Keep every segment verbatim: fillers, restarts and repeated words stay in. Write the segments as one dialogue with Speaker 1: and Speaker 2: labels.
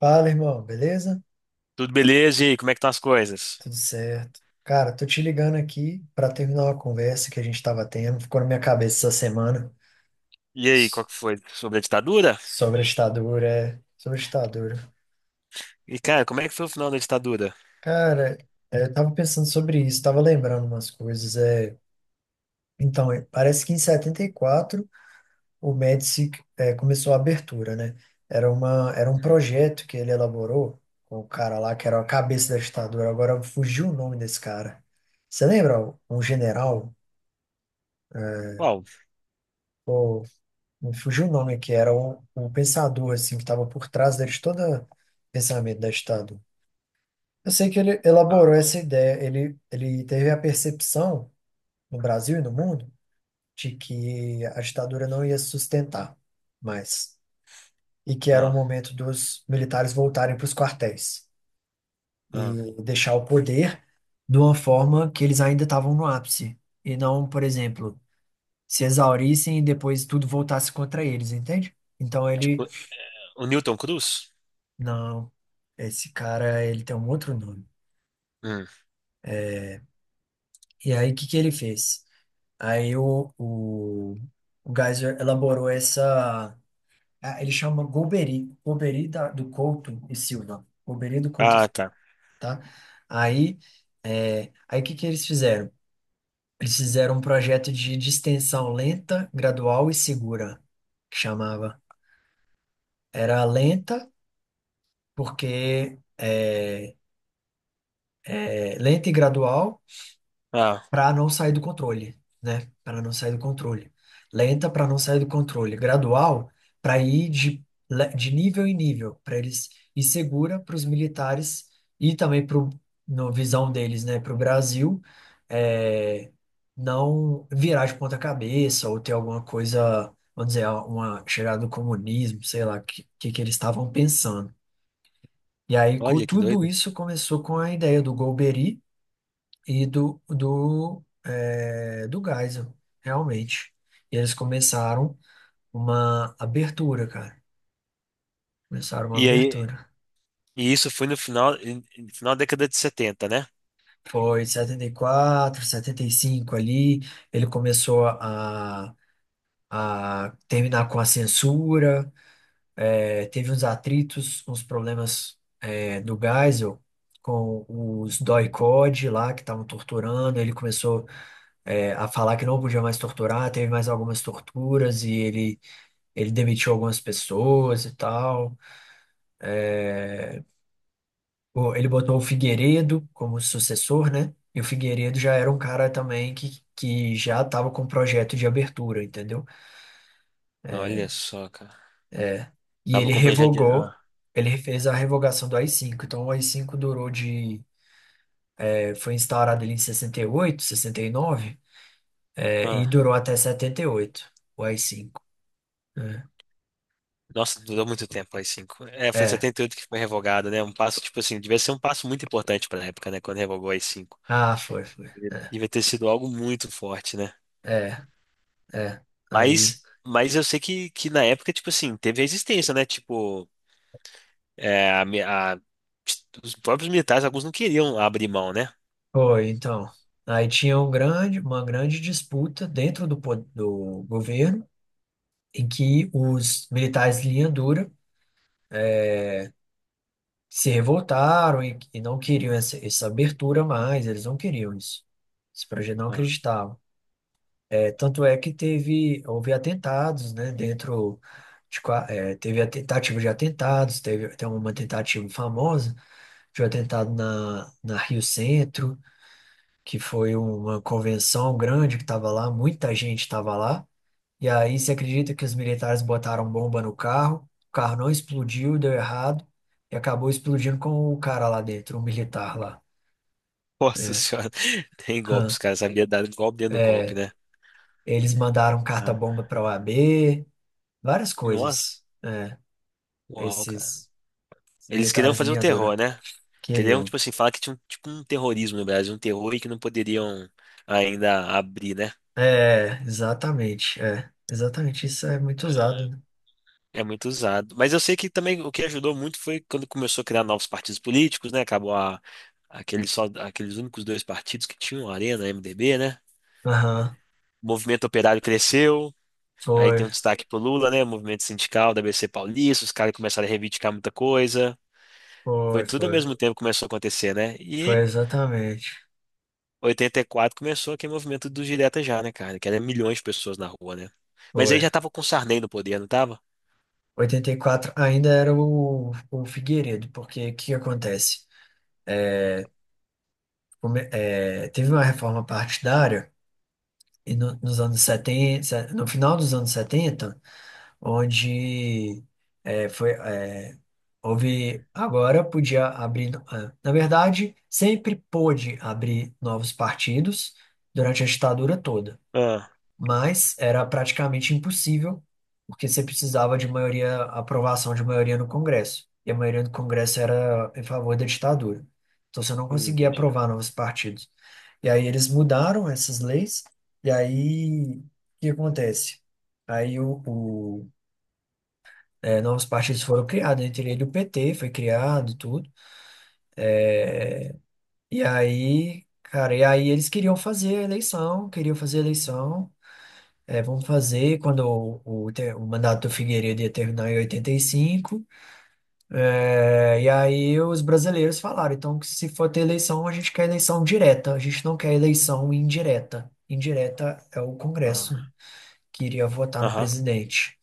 Speaker 1: Fala, irmão, beleza?
Speaker 2: Tudo beleza? E aí, como é que estão as coisas?
Speaker 1: Tudo certo. Cara, tô te ligando aqui para terminar uma conversa que a gente tava tendo, ficou na minha cabeça essa semana.
Speaker 2: E aí,
Speaker 1: s-
Speaker 2: qual que foi? Sobre a ditadura?
Speaker 1: sobre a ditadura, é, Sobre a ditadura.
Speaker 2: E, cara, como é que foi o final da ditadura?
Speaker 1: Cara, é, eu tava pensando sobre isso, tava lembrando umas coisas. É, então, é, parece que em setenta e quatro o Médici é, começou a abertura, né? Era uma, era um
Speaker 2: Uhum.
Speaker 1: projeto que ele elaborou com o cara lá que era a cabeça da ditadura. Agora fugiu o nome desse cara. Você lembra? Um general?
Speaker 2: Qual?
Speaker 1: Me fugiu o nome, que era o, o pensador, assim, que estava por trás de todo o pensamento da ditadura. Eu sei que ele elaborou essa ideia. Ele, ele teve a percepção, no Brasil e no mundo, de que a ditadura não ia se sustentar mais, e que era o
Speaker 2: Ah,
Speaker 1: momento dos militares voltarem para os quartéis
Speaker 2: ah.
Speaker 1: e deixar o poder de uma forma que eles ainda estavam no ápice, e não, por exemplo, se exaurissem e depois tudo voltasse contra eles, entende? Então ele...
Speaker 2: O, o Newton Cruz?
Speaker 1: Não, esse cara, ele tem um outro nome.
Speaker 2: Hum.
Speaker 1: E aí, o que que ele fez? Aí o, o, o Geyser elaborou essa... ah, Ele chama Golbery, Golbery da, do Couto e Silva. Golbery do Couto e
Speaker 2: Ah,
Speaker 1: Silva,
Speaker 2: tá.
Speaker 1: tá? Aí, é, aí o que que eles fizeram? Eles fizeram um projeto de distensão lenta, gradual e segura, que chamava. Era lenta porque... É, é, lenta e gradual,
Speaker 2: Ah,
Speaker 1: para não sair do controle, né? Para não sair do controle. Lenta para não sair do controle. Gradual para ir de, le- de nível em nível, para eles, e segura para os militares e também para, no visão deles, né? Para o Brasil é, não virar de ponta cabeça ou ter alguma coisa, vamos dizer, uma chegada do comunismo, sei lá, o que, que que eles estavam pensando. E aí, co-
Speaker 2: olha que
Speaker 1: tudo
Speaker 2: doido.
Speaker 1: isso começou com a ideia do Golbery e do, do, é, do Geisel, realmente. E eles começaram uma abertura, cara. Começaram uma
Speaker 2: E aí,
Speaker 1: abertura.
Speaker 2: e isso foi no final, em- em- final da década de setenta, né?
Speaker 1: Foi setenta setenta e quatro, setenta e cinco ali. Ele começou a, a terminar com a censura. É, teve uns atritos, uns problemas, é, do Geisel com os doi Code lá que estavam torturando. Ele começou é, a falar que não podia mais torturar. Teve mais algumas torturas e ele ele demitiu algumas pessoas e tal. Pô, ele botou o Figueiredo como sucessor, né? E o Figueiredo já era um cara também que, que já estava com projeto de abertura, entendeu?
Speaker 2: Olha só, cara.
Speaker 1: É. E
Speaker 2: Tava
Speaker 1: ele
Speaker 2: com o projeto de...
Speaker 1: revogou,
Speaker 2: Ah,
Speaker 1: ele fez a revogação do A I cinco. Então o A I cinco durou de... é, Foi instaurado ele em sessenta e oito, sessenta e nove, é, e
Speaker 2: ah.
Speaker 1: durou até setenta e oito, o A I cinco, né?
Speaker 2: Nossa, durou muito tempo aí, cinco. É, foi em
Speaker 1: É.
Speaker 2: setenta e oito que foi revogado, né? Um passo, tipo assim, devia ser um passo muito importante pra época, né? Quando revogou aí cinco.
Speaker 1: Ah, foi, foi.
Speaker 2: Devia ter sido algo muito forte, né?
Speaker 1: É, é. Aí...
Speaker 2: Mas, mas eu sei que, que na época, tipo assim, teve resistência, né? Tipo, é, a mi- a- os próprios militares, alguns não queriam abrir mão, né?
Speaker 1: Foi, então. Aí tinha um grande, uma grande disputa dentro do, po- do governo, em que os militares de linha dura eh, se revoltaram e, e não queriam essa, essa abertura mais. Eles não queriam isso. Esse projeto não
Speaker 2: Ah.
Speaker 1: acreditava. É tanto é que teve, houve atentados, né, dentro... de, qua- eh, teve a tentativa de atentados. Teve até uma tentativa famosa de um atentado na, na Rio Centro, que foi uma convenção grande que estava lá, muita gente estava lá. E aí, você acredita que os militares botaram bomba no carro, o carro não explodiu, deu errado, e acabou explodindo com o cara lá dentro, o militar lá.
Speaker 2: Nossa
Speaker 1: É.
Speaker 2: senhora, tem golpe,
Speaker 1: Hã.
Speaker 2: os caras sabiam dar golpe dentro do golpe,
Speaker 1: É,
Speaker 2: né?
Speaker 1: eles mandaram
Speaker 2: Ah.
Speaker 1: carta-bomba para a OAB, várias
Speaker 2: Nossa,
Speaker 1: coisas. É,
Speaker 2: uau, cara.
Speaker 1: esses
Speaker 2: Eles queriam
Speaker 1: militares de
Speaker 2: fazer o
Speaker 1: linha dura
Speaker 2: terror, né? Queriam,
Speaker 1: queriam.
Speaker 2: tipo assim, falar que tinha um, tipo, um terrorismo no Brasil, um terror e que não poderiam ainda abrir, né?
Speaker 1: É, exatamente. É, exatamente. Isso é muito usado, né?
Speaker 2: É muito usado. Mas eu sei que também o que ajudou muito foi quando começou a criar novos partidos políticos, né? Acabou a- aqueles, só, aqueles únicos dois partidos que tinham, a Arena, a M D B, né?
Speaker 1: Aham.
Speaker 2: O movimento operário cresceu, aí
Speaker 1: Foi,
Speaker 2: tem um destaque pro Lula, né? O movimento sindical da B C Paulista, os caras começaram a reivindicar muita coisa. Foi
Speaker 1: foi,
Speaker 2: tudo ao
Speaker 1: foi.
Speaker 2: mesmo tempo que começou a acontecer, né?
Speaker 1: Foi
Speaker 2: E
Speaker 1: exatamente.
Speaker 2: oitenta e quatro começou aquele movimento dos diretas já, né, cara? Que era milhões de pessoas na rua, né? Mas aí
Speaker 1: Foi.
Speaker 2: já tava com o Sarney no poder, não tava?
Speaker 1: Oitenta e quatro ainda era o, o Figueiredo, porque o que que acontece? Come- é, teve uma reforma partidária e no, nos anos setenta, no final dos anos setenta, onde é, foi, é, houve... Agora podia abrir, ah, na verdade, sempre pôde abrir novos partidos durante a ditadura toda.
Speaker 2: Ah,
Speaker 1: Mas era praticamente impossível, porque você precisava de maioria, aprovação de maioria no Congresso, e a maioria do Congresso era em favor da ditadura. Então você não
Speaker 2: hum,
Speaker 1: conseguia
Speaker 2: entendi.
Speaker 1: aprovar novos partidos. E aí eles mudaram essas leis, e aí o que acontece? Aí o, o, é, novos partidos foram criados, entre ele o P T foi criado, tudo. É, e aí, cara, e aí eles queriam fazer a eleição, queriam fazer a eleição. É, vamos fazer quando o, o, te- o mandato do Figueiredo ia terminar em oitenta e cinco. É, e aí os brasileiros falaram, então, que se for ter eleição, a gente quer eleição direta, a gente não quer eleição indireta. Indireta é o Congresso,
Speaker 2: Ah,
Speaker 1: né, que iria votar no
Speaker 2: aham.
Speaker 1: presidente.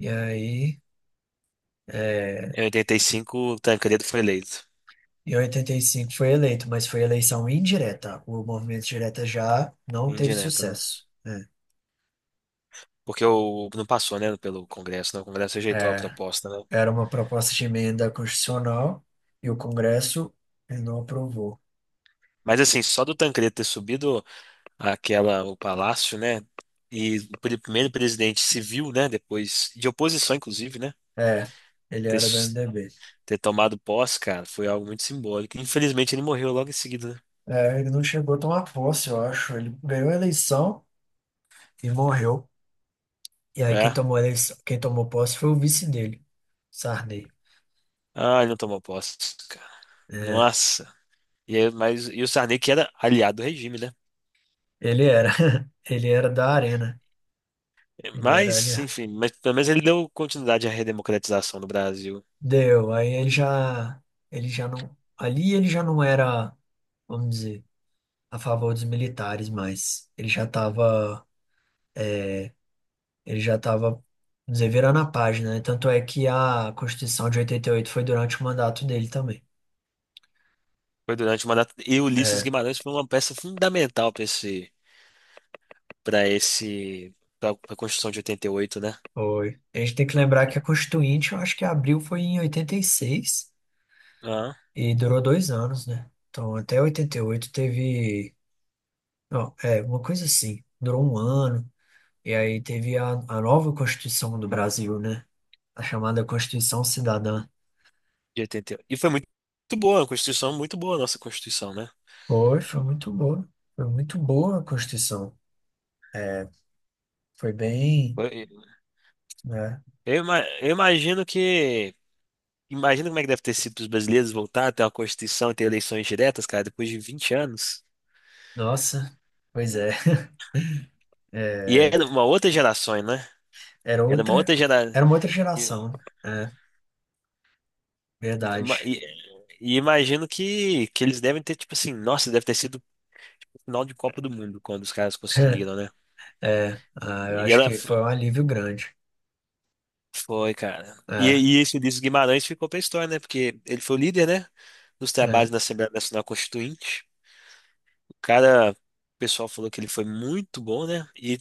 Speaker 1: E aí,
Speaker 2: Em oitenta e cinco, o Tancredo foi eleito,
Speaker 1: em oitenta e cinco foi eleito, mas foi eleição indireta. O movimento direta já não teve
Speaker 2: indireto, né?
Speaker 1: sucesso, né.
Speaker 2: Porque o, não passou, né, pelo Congresso, né? O Congresso rejeitou a
Speaker 1: É,
Speaker 2: proposta, né?
Speaker 1: era uma proposta de emenda constitucional e o Congresso eh, não aprovou.
Speaker 2: Mas assim, só do Tancredo ter subido aquela, o palácio, né? E o pri- primeiro presidente civil, né? Depois, de oposição, inclusive, né?
Speaker 1: É, ele
Speaker 2: Ter,
Speaker 1: era do
Speaker 2: s-
Speaker 1: M D B.
Speaker 2: ter tomado posse, cara, foi algo muito simbólico. Infelizmente, ele morreu logo em seguida, né?
Speaker 1: É, ele não chegou a tomar posse, eu acho. Ele ganhou a eleição e morreu. E aí quem
Speaker 2: É.
Speaker 1: tomou a eleição, quem tomou posse foi o vice dele, Sarney.
Speaker 2: Ah, ele não tomou posse, cara.
Speaker 1: É,
Speaker 2: Nossa. E, aí- mas, e o Sarney, que era aliado do regime, né?
Speaker 1: ele era, ele era da Arena. Ele era ali.
Speaker 2: Mas, enfim, mas pelo menos ele deu continuidade à redemocratização do Brasil.
Speaker 1: Deu. Aí ele já, ele já não, ali ele já não era, vamos dizer, a favor dos militares, mas ele já estava ele já estava deverando a página, né? Tanto é que a Constituição de oitenta e oito foi durante o mandato dele também.
Speaker 2: Foi durante o mandato. E Ulisses
Speaker 1: É,
Speaker 2: Guimarães foi uma peça fundamental para esse, para esse, para a Constituição de oitenta e oito, né?
Speaker 1: foi. A gente tem que lembrar que a Constituinte, eu acho que abriu foi em oitenta e seis
Speaker 2: Ah,
Speaker 1: e durou dois anos, né? Então, até oitenta e oito teve. Não, é, uma coisa assim. Durou um ano. E aí teve a, a nova Constituição do Brasil, né? A chamada Constituição Cidadã.
Speaker 2: de oitenta e oito. E oito. E foi muito, boa, a Constituição, muito boa a nossa Constituição, né?
Speaker 1: Foi, foi muito boa. Foi muito boa a Constituição. Foi bem,
Speaker 2: Foi-
Speaker 1: né?
Speaker 2: Eu, ima- eu imagino que. Imagina como é que deve ter sido para os brasileiros voltar a ter uma Constituição e ter eleições diretas, cara, depois de vinte anos.
Speaker 1: Nossa, pois é.
Speaker 2: E
Speaker 1: É,
Speaker 2: era uma outra geração, né?
Speaker 1: era
Speaker 2: Era uma
Speaker 1: outra,
Speaker 2: outra geração.
Speaker 1: era uma outra geração, né? É,
Speaker 2: ma-
Speaker 1: verdade.
Speaker 2: E, e imagino que, que eles devem ter, tipo assim, nossa, deve ter sido o final de Copa do Mundo quando os caras conseguiram, né?
Speaker 1: É, ah, eu
Speaker 2: E
Speaker 1: acho
Speaker 2: ela
Speaker 1: que
Speaker 2: f-
Speaker 1: foi um alívio grande.
Speaker 2: foi, cara. E,
Speaker 1: É,
Speaker 2: e esse Ulisses Guimarães ficou pra história, né? Porque ele foi o líder, né? Dos trabalhos
Speaker 1: é,
Speaker 2: na Assembleia Nacional Constituinte. O cara, o pessoal falou que ele foi muito bom, né? E,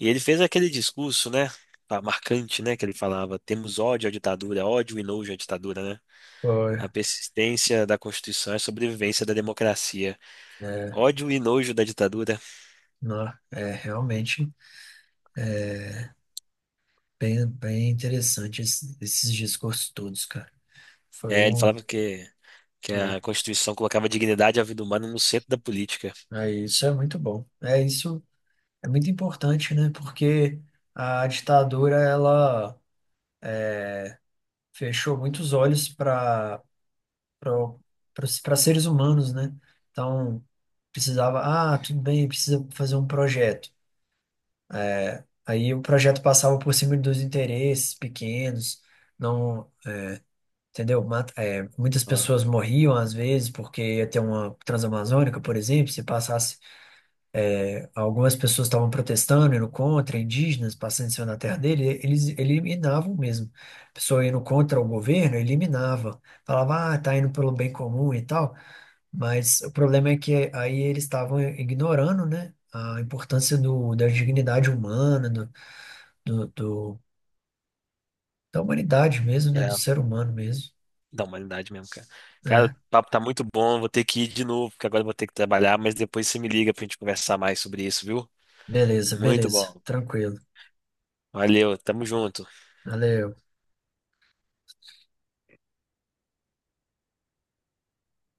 Speaker 2: e ele fez aquele discurso, né? ah, Marcante, né? Que ele falava: temos ódio à ditadura, ódio e nojo à ditadura, né?
Speaker 1: foi,
Speaker 2: A persistência da Constituição é a sobrevivência da democracia.
Speaker 1: é,
Speaker 2: Ódio e nojo da ditadura.
Speaker 1: não, é realmente bem, bem interessante esse- esses discursos todos, cara. Foi
Speaker 2: É, ele
Speaker 1: um,
Speaker 2: falava que, que
Speaker 1: é,
Speaker 2: a Constituição colocava a dignidade e a vida humana no centro da política.
Speaker 1: é, Isso é muito bom. É isso, é muito importante, né? Porque a ditadura, ela fechou muitos olhos para para seres humanos, né? Então, precisava, ah, tudo bem, precisa fazer um projeto. Aí o projeto passava por cima dos interesses pequenos. Não, entendeu? Mata- é, muitas
Speaker 2: Ah,
Speaker 1: pessoas morriam às vezes porque ia ter uma Transamazônica, por exemplo, se passasse, é, algumas pessoas estavam protestando, indo contra, indígenas passando em cima da terra dele, eles eliminavam mesmo. A pessoa indo contra o governo, eliminava. Falava, ah, tá indo pelo bem comum e tal. Mas o problema é que aí eles estavam ignorando, né, a importância do, da dignidade humana, do, do, do- da humanidade mesmo, né, do
Speaker 2: é,
Speaker 1: ser humano mesmo.
Speaker 2: da humanidade mesmo, cara. Cara, o
Speaker 1: É,
Speaker 2: papo tá muito bom, vou ter que ir de novo, porque agora eu vou ter que trabalhar, mas depois você me liga pra gente conversar mais sobre isso, viu?
Speaker 1: beleza,
Speaker 2: Muito
Speaker 1: beleza,
Speaker 2: bom.
Speaker 1: tranquilo.
Speaker 2: Valeu, tamo junto.
Speaker 1: Valeu.